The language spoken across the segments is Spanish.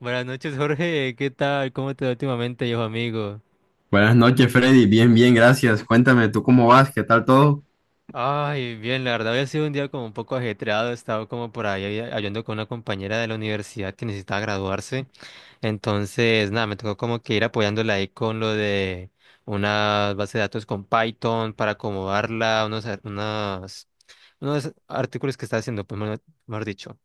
Buenas noches, Jorge. ¿Qué tal? ¿Cómo te va últimamente, yo amigo? Buenas noches, Freddy. Bien, bien, gracias. Cuéntame, ¿tú cómo vas? ¿Qué tal todo? Ay, bien, la verdad había sido un día como un poco ajetreado. He estado como por ahí ayudando con una compañera de la universidad que necesitaba graduarse. Entonces, nada, me tocó como que ir apoyándola ahí con lo de una base de datos con Python para acomodarla, unos artículos que está haciendo, pues, mejor dicho.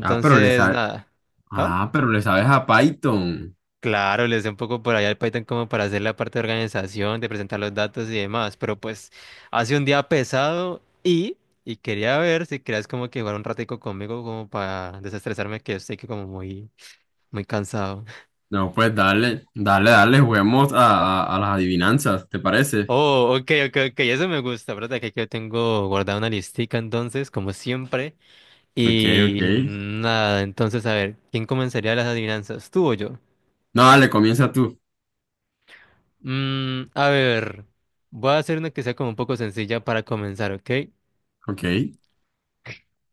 Ah, pero le sabes. nada. ¿Ah? Ah, pero le sabes a Python. Claro, les dé un poco por allá el Python como para hacer la parte de organización, de presentar los datos y demás, pero pues hace un día pesado y quería ver si querías como que jugar un ratico conmigo como para desestresarme que estoy que como muy, muy cansado. No, pues dale, dale, dale, juguemos a las adivinanzas, ¿te parece? Oh, ok, ok, ok, eso me gusta, ¿verdad? Que aquí yo tengo guardada una listica entonces, como siempre, Ok, ok. y nada, entonces a ver, ¿quién comenzaría las adivinanzas, tú o yo? No, dale, comienza tú. Mm, a ver, voy a hacer una que sea como un poco sencilla para comenzar, ¿ok? Ok.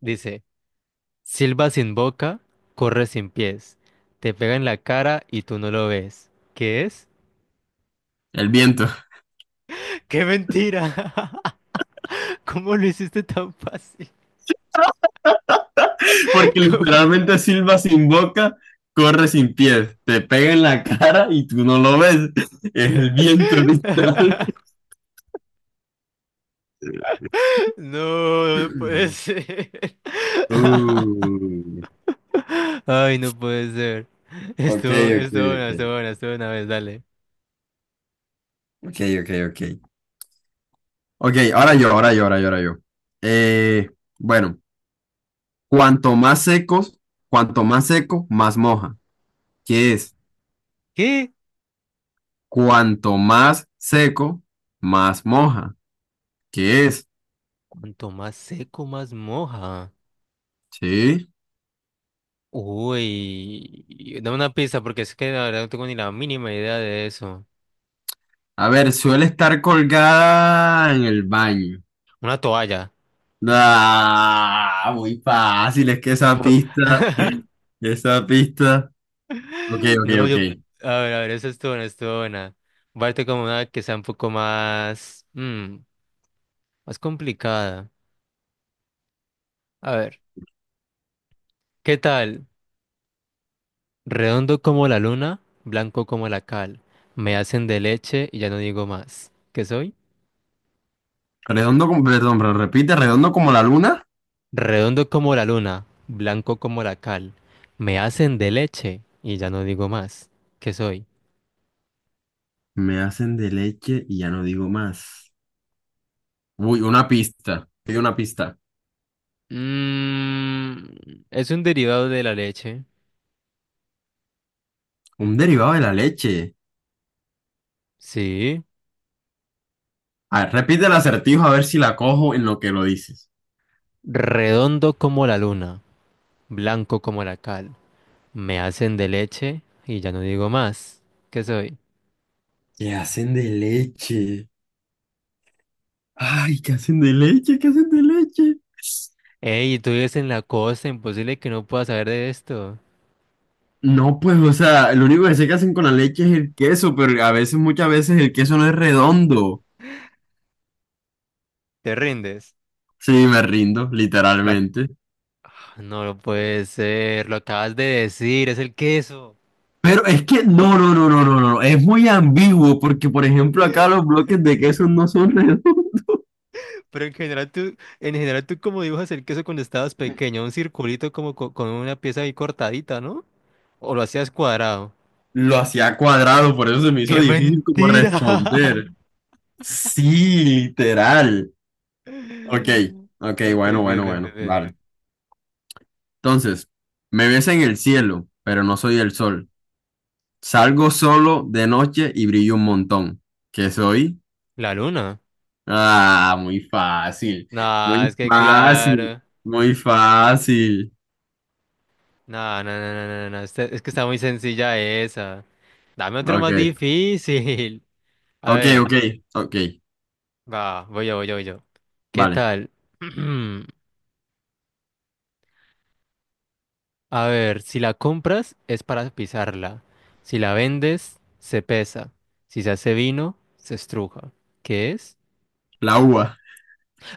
Dice... Silba sin boca, corre sin pies. Te pega en la cara y tú no lo ves. ¿Qué es? El viento. ¡Qué mentira! ¿Cómo lo hiciste tan fácil? Porque ¿Cómo? literalmente silba sin boca, corre sin pies, te pega en la cara y tú no lo ves. Es el viento, literal. No, no puede ser. Uh, Ay, no puede ser. ok, Estuvo, ok, estuvo buena, ok. estuvo buena, estuvo una vez, dale. Ok, ok, ok. Ok, ahora yo, ahora yo, ahora yo, ahora yo. Eh, bueno, cuanto más secos, cuanto más seco, más moja. ¿Qué es? ¿Qué? Cuanto más seco, más moja. ¿Qué es? Cuanto más seco, más moja. Sí. Uy, dame una pista porque es que la verdad no tengo ni la mínima idea de eso. A ver, suele estar colgada en el baño. Una toalla. Ah, muy fácil, es que esa pista, esa pista. Ok, ok, No, ok. yo, a ver, eso estuvo buena, estuvo buena. Parte como una que sea un poco más, mm, más complicada. A ver, ¿qué tal? Redondo como la luna, blanco como la cal. Me hacen de leche y ya no digo más. ¿Qué soy? Redondo como, perdón, pero repite, redondo como la luna. Redondo como la luna, blanco como la cal. Me hacen de leche y ya no digo más. ¿Qué soy? Me hacen de leche y ya no digo más. Uy, una pista. Hay una pista. Mm, es un derivado de la leche. Un derivado de la leche. Sí. A ver, repite el acertijo a ver si la cojo en lo que lo dices. Redondo como la luna. Blanco como la cal. Me hacen de leche y ya no digo más. ¿Qué soy? ¿Qué hacen de leche? Ay, ¿qué hacen de leche? ¿Qué hacen de leche? Ey, tú vives en la costa, imposible que no puedas saber de esto. No, pues, o sea, lo único que sé que hacen con la leche es el queso, pero a veces, muchas veces el queso no es redondo. ¿Te rindes? Sí, me rindo, Lo ac- literalmente. No lo puede ser, lo acabas de decir, es el queso. Pero es que no, no, no, no, no, no, es muy ambiguo porque, por ejemplo, acá los bloques de queso no son redondos. Pero en general tú como dibujas el queso cuando estabas pequeño, un circulito con una pieza ahí cortadita, ¿no? ¿O lo hacías cuadrado? Lo hacía cuadrado, por eso se me hizo ¡Qué difícil como mentira! responder. Sí, literal. Ok, ok, Ok, bueno, bien, bueno, bien, bien, bueno, bien. vale. Entonces, me ves en el cielo, pero no soy el sol. Salgo solo de noche y brillo un montón. ¿Qué soy? La luna. Ah, muy fácil, Nah, muy es que fácil, claro. muy fácil. No, no, no, no, no, no. Es que está muy sencilla esa. Dame otro más Ok, difícil. A ok, ver, ok, ok, va, voy yo, voy yo, voy yo. ¿Qué vale. tal? A ver, si la compras es para pisarla. Si la vendes, se pesa. Si se hace vino, se estruja. ¿Qué es? La uva.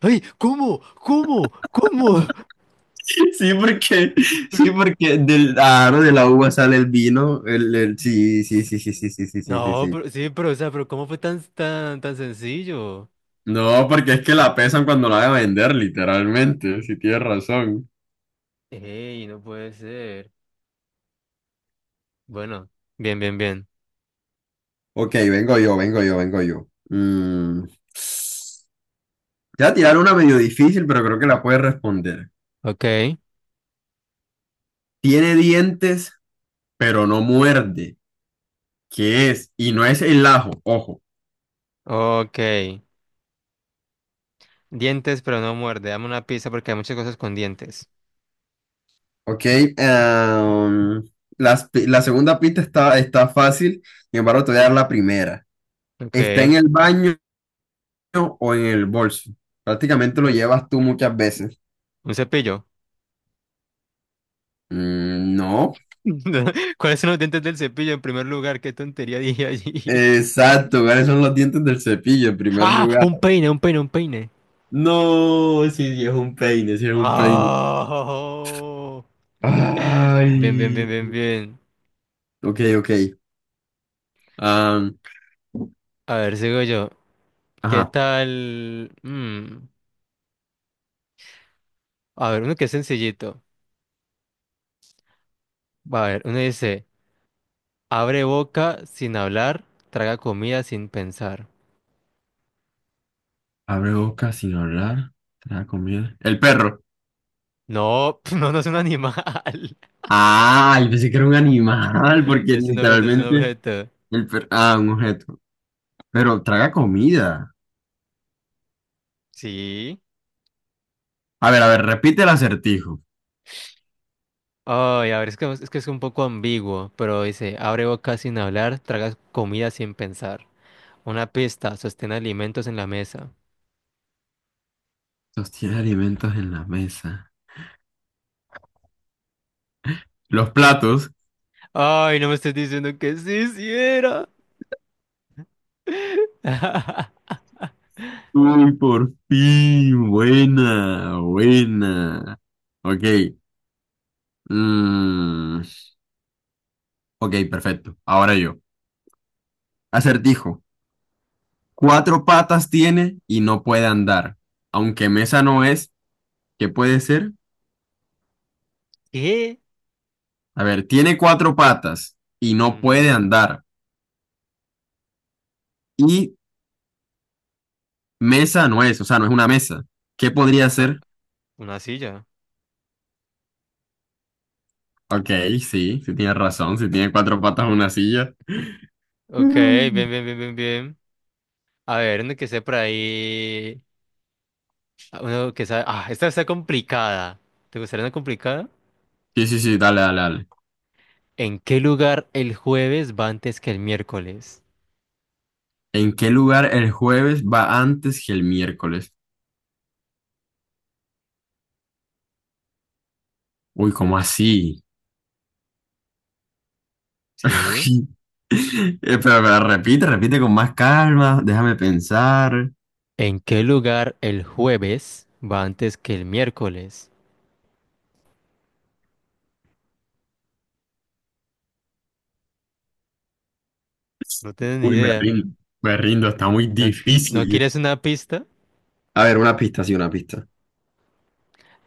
¡Ay! ¿Cómo? ¿Cómo? ¿Cómo? Sí, porque, Pero- sí, porque del aro de la uva sale el vino. Sí, sí. Sí, sí, sí, sí, sí, sí, sí. No, sí. pero sí, pero, o sea, pero ¿cómo fue tan, tan, tan sencillo? No, porque es que la pesan cuando la van a vender, literalmente, si tienes razón. ¡Ey! No puede ser. Bueno, bien, bien, bien. Ok, vengo yo, vengo yo, vengo yo. Te voy a tirar una medio difícil, pero creo que la puedes responder. Ok. Tiene dientes, pero no muerde. ¿Qué es? Y no es el ajo, ojo. Ok. Dientes, pero no muerde. Dame una pista porque hay muchas cosas con dientes. Ok, em, la segunda pista está fácil, sin embargo, te voy a dar la primera. ¿Está en Ok. el baño o en el bolso? Prácticamente lo Un llevas tú muchas veces. un cepillo. Mm, no. ¿Cuáles son los dientes del cepillo en primer lugar? Qué tontería dije allí. Exacto, ¿cuáles son los dientes del cepillo en primer ¡Ah! lugar? Un peine, un peine, un peine. No, sí, sí, es un peine, sí, es un peine. ¡Oh! Bien, bien, bien, Ay. bien, bien. Ok, ok. Am, A ver, sigo yo. ¿Qué ajá. tal? Mm, a ver, uno que es sencillito. A ver, uno dice, abre boca sin hablar, traga comida sin pensar. Abre boca sin hablar. Traga comida. El perro. No, no, no es un animal. Ay, pensé que era un animal, porque Es un objeto, es un literalmente objeto. el perro. Ah, un objeto. Pero traga comida. Sí. A ver, repite el acertijo. Ay, a ver, es que es un poco ambiguo, pero dice, abre boca sin hablar, traga comida sin pensar. Una pista, sostén alimentos en la mesa. Sostiene alimentos en la mesa. Los platos. Ay, no me estés diciendo que sí, sí era. Uy, por fin. Buena, buena. Ok. mm, ok, perfecto. Ahora yo. Acertijo. Cuatro patas tiene y no puede andar. Aunque mesa no es, ¿qué puede ser? ¿Qué? A ver, tiene cuatro patas y no puede Ujú. andar. Y mesa no es, o sea, no es una mesa. ¿Qué podría Una, ser? una silla. Ok, sí, sí tienes razón. Si tiene cuatro patas, una silla. Ok, bien, Mm. bien, bien, bien, bien. A ver, uno que esté por ahí. Uno que sabe. Ah, esta está complicada. ¿Te gustaría una complicada? Sí, sí, sí, dale, dale, dale. ¿En qué lugar el jueves va antes que el miércoles? ¿En qué lugar el jueves va antes que el miércoles? Uy, ¿cómo así? Sí, Pero repite con más calma, déjame pensar. ¿en qué lugar el jueves va antes que el miércoles? No tienes ni Uy, idea. Me rindo, está muy ¿No, no difícil. quieres una pista? A ver, una pista, sí, una pista.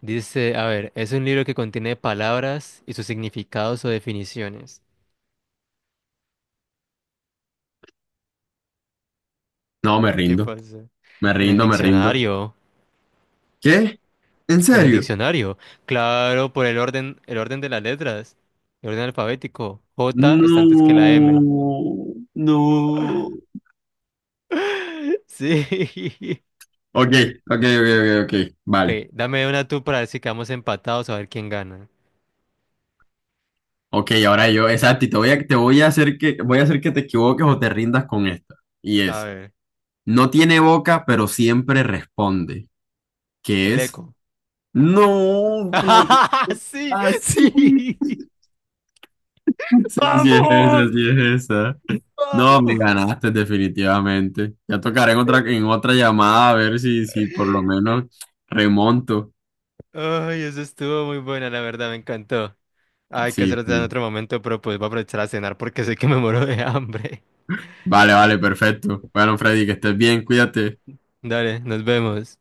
Dice, a ver, es un libro que contiene palabras y sus significados o definiciones. No, me ¿Qué rindo, pasa? me En el rindo, me rindo. diccionario. ¿Qué? ¿En En el serio? diccionario. Claro, por el orden de las letras. El orden alfabético. J está antes que la M. No, no. Sí. Ok, ok, ok, ok, ok, vale. Ok, dame una tú para decir que vamos empatados a ver quién gana. Ok, ahora yo, exacto, y te voy a hacer que, voy a hacer que te equivoques o te rindas con esta. Y A es, ver, no tiene boca, pero siempre responde. ¿Qué el es? eco. No, pero ¿por qué? Sí, Así. sí. Sí, sí es ¡Vamos! esa, sí es esa. No, me ¡Vamos! ganaste definitivamente. Ya tocaré en otra llamada a ver si por lo menos remonto. Ay, eso estuvo muy buena, la verdad, me encantó. Hay que Sí, hacerlo en sí. otro momento, pero pues voy a aprovechar a cenar porque sé que me muero de hambre. Vale, vale, perfecto. Bueno, Freddy, que estés bien, cuídate. Dale, nos vemos.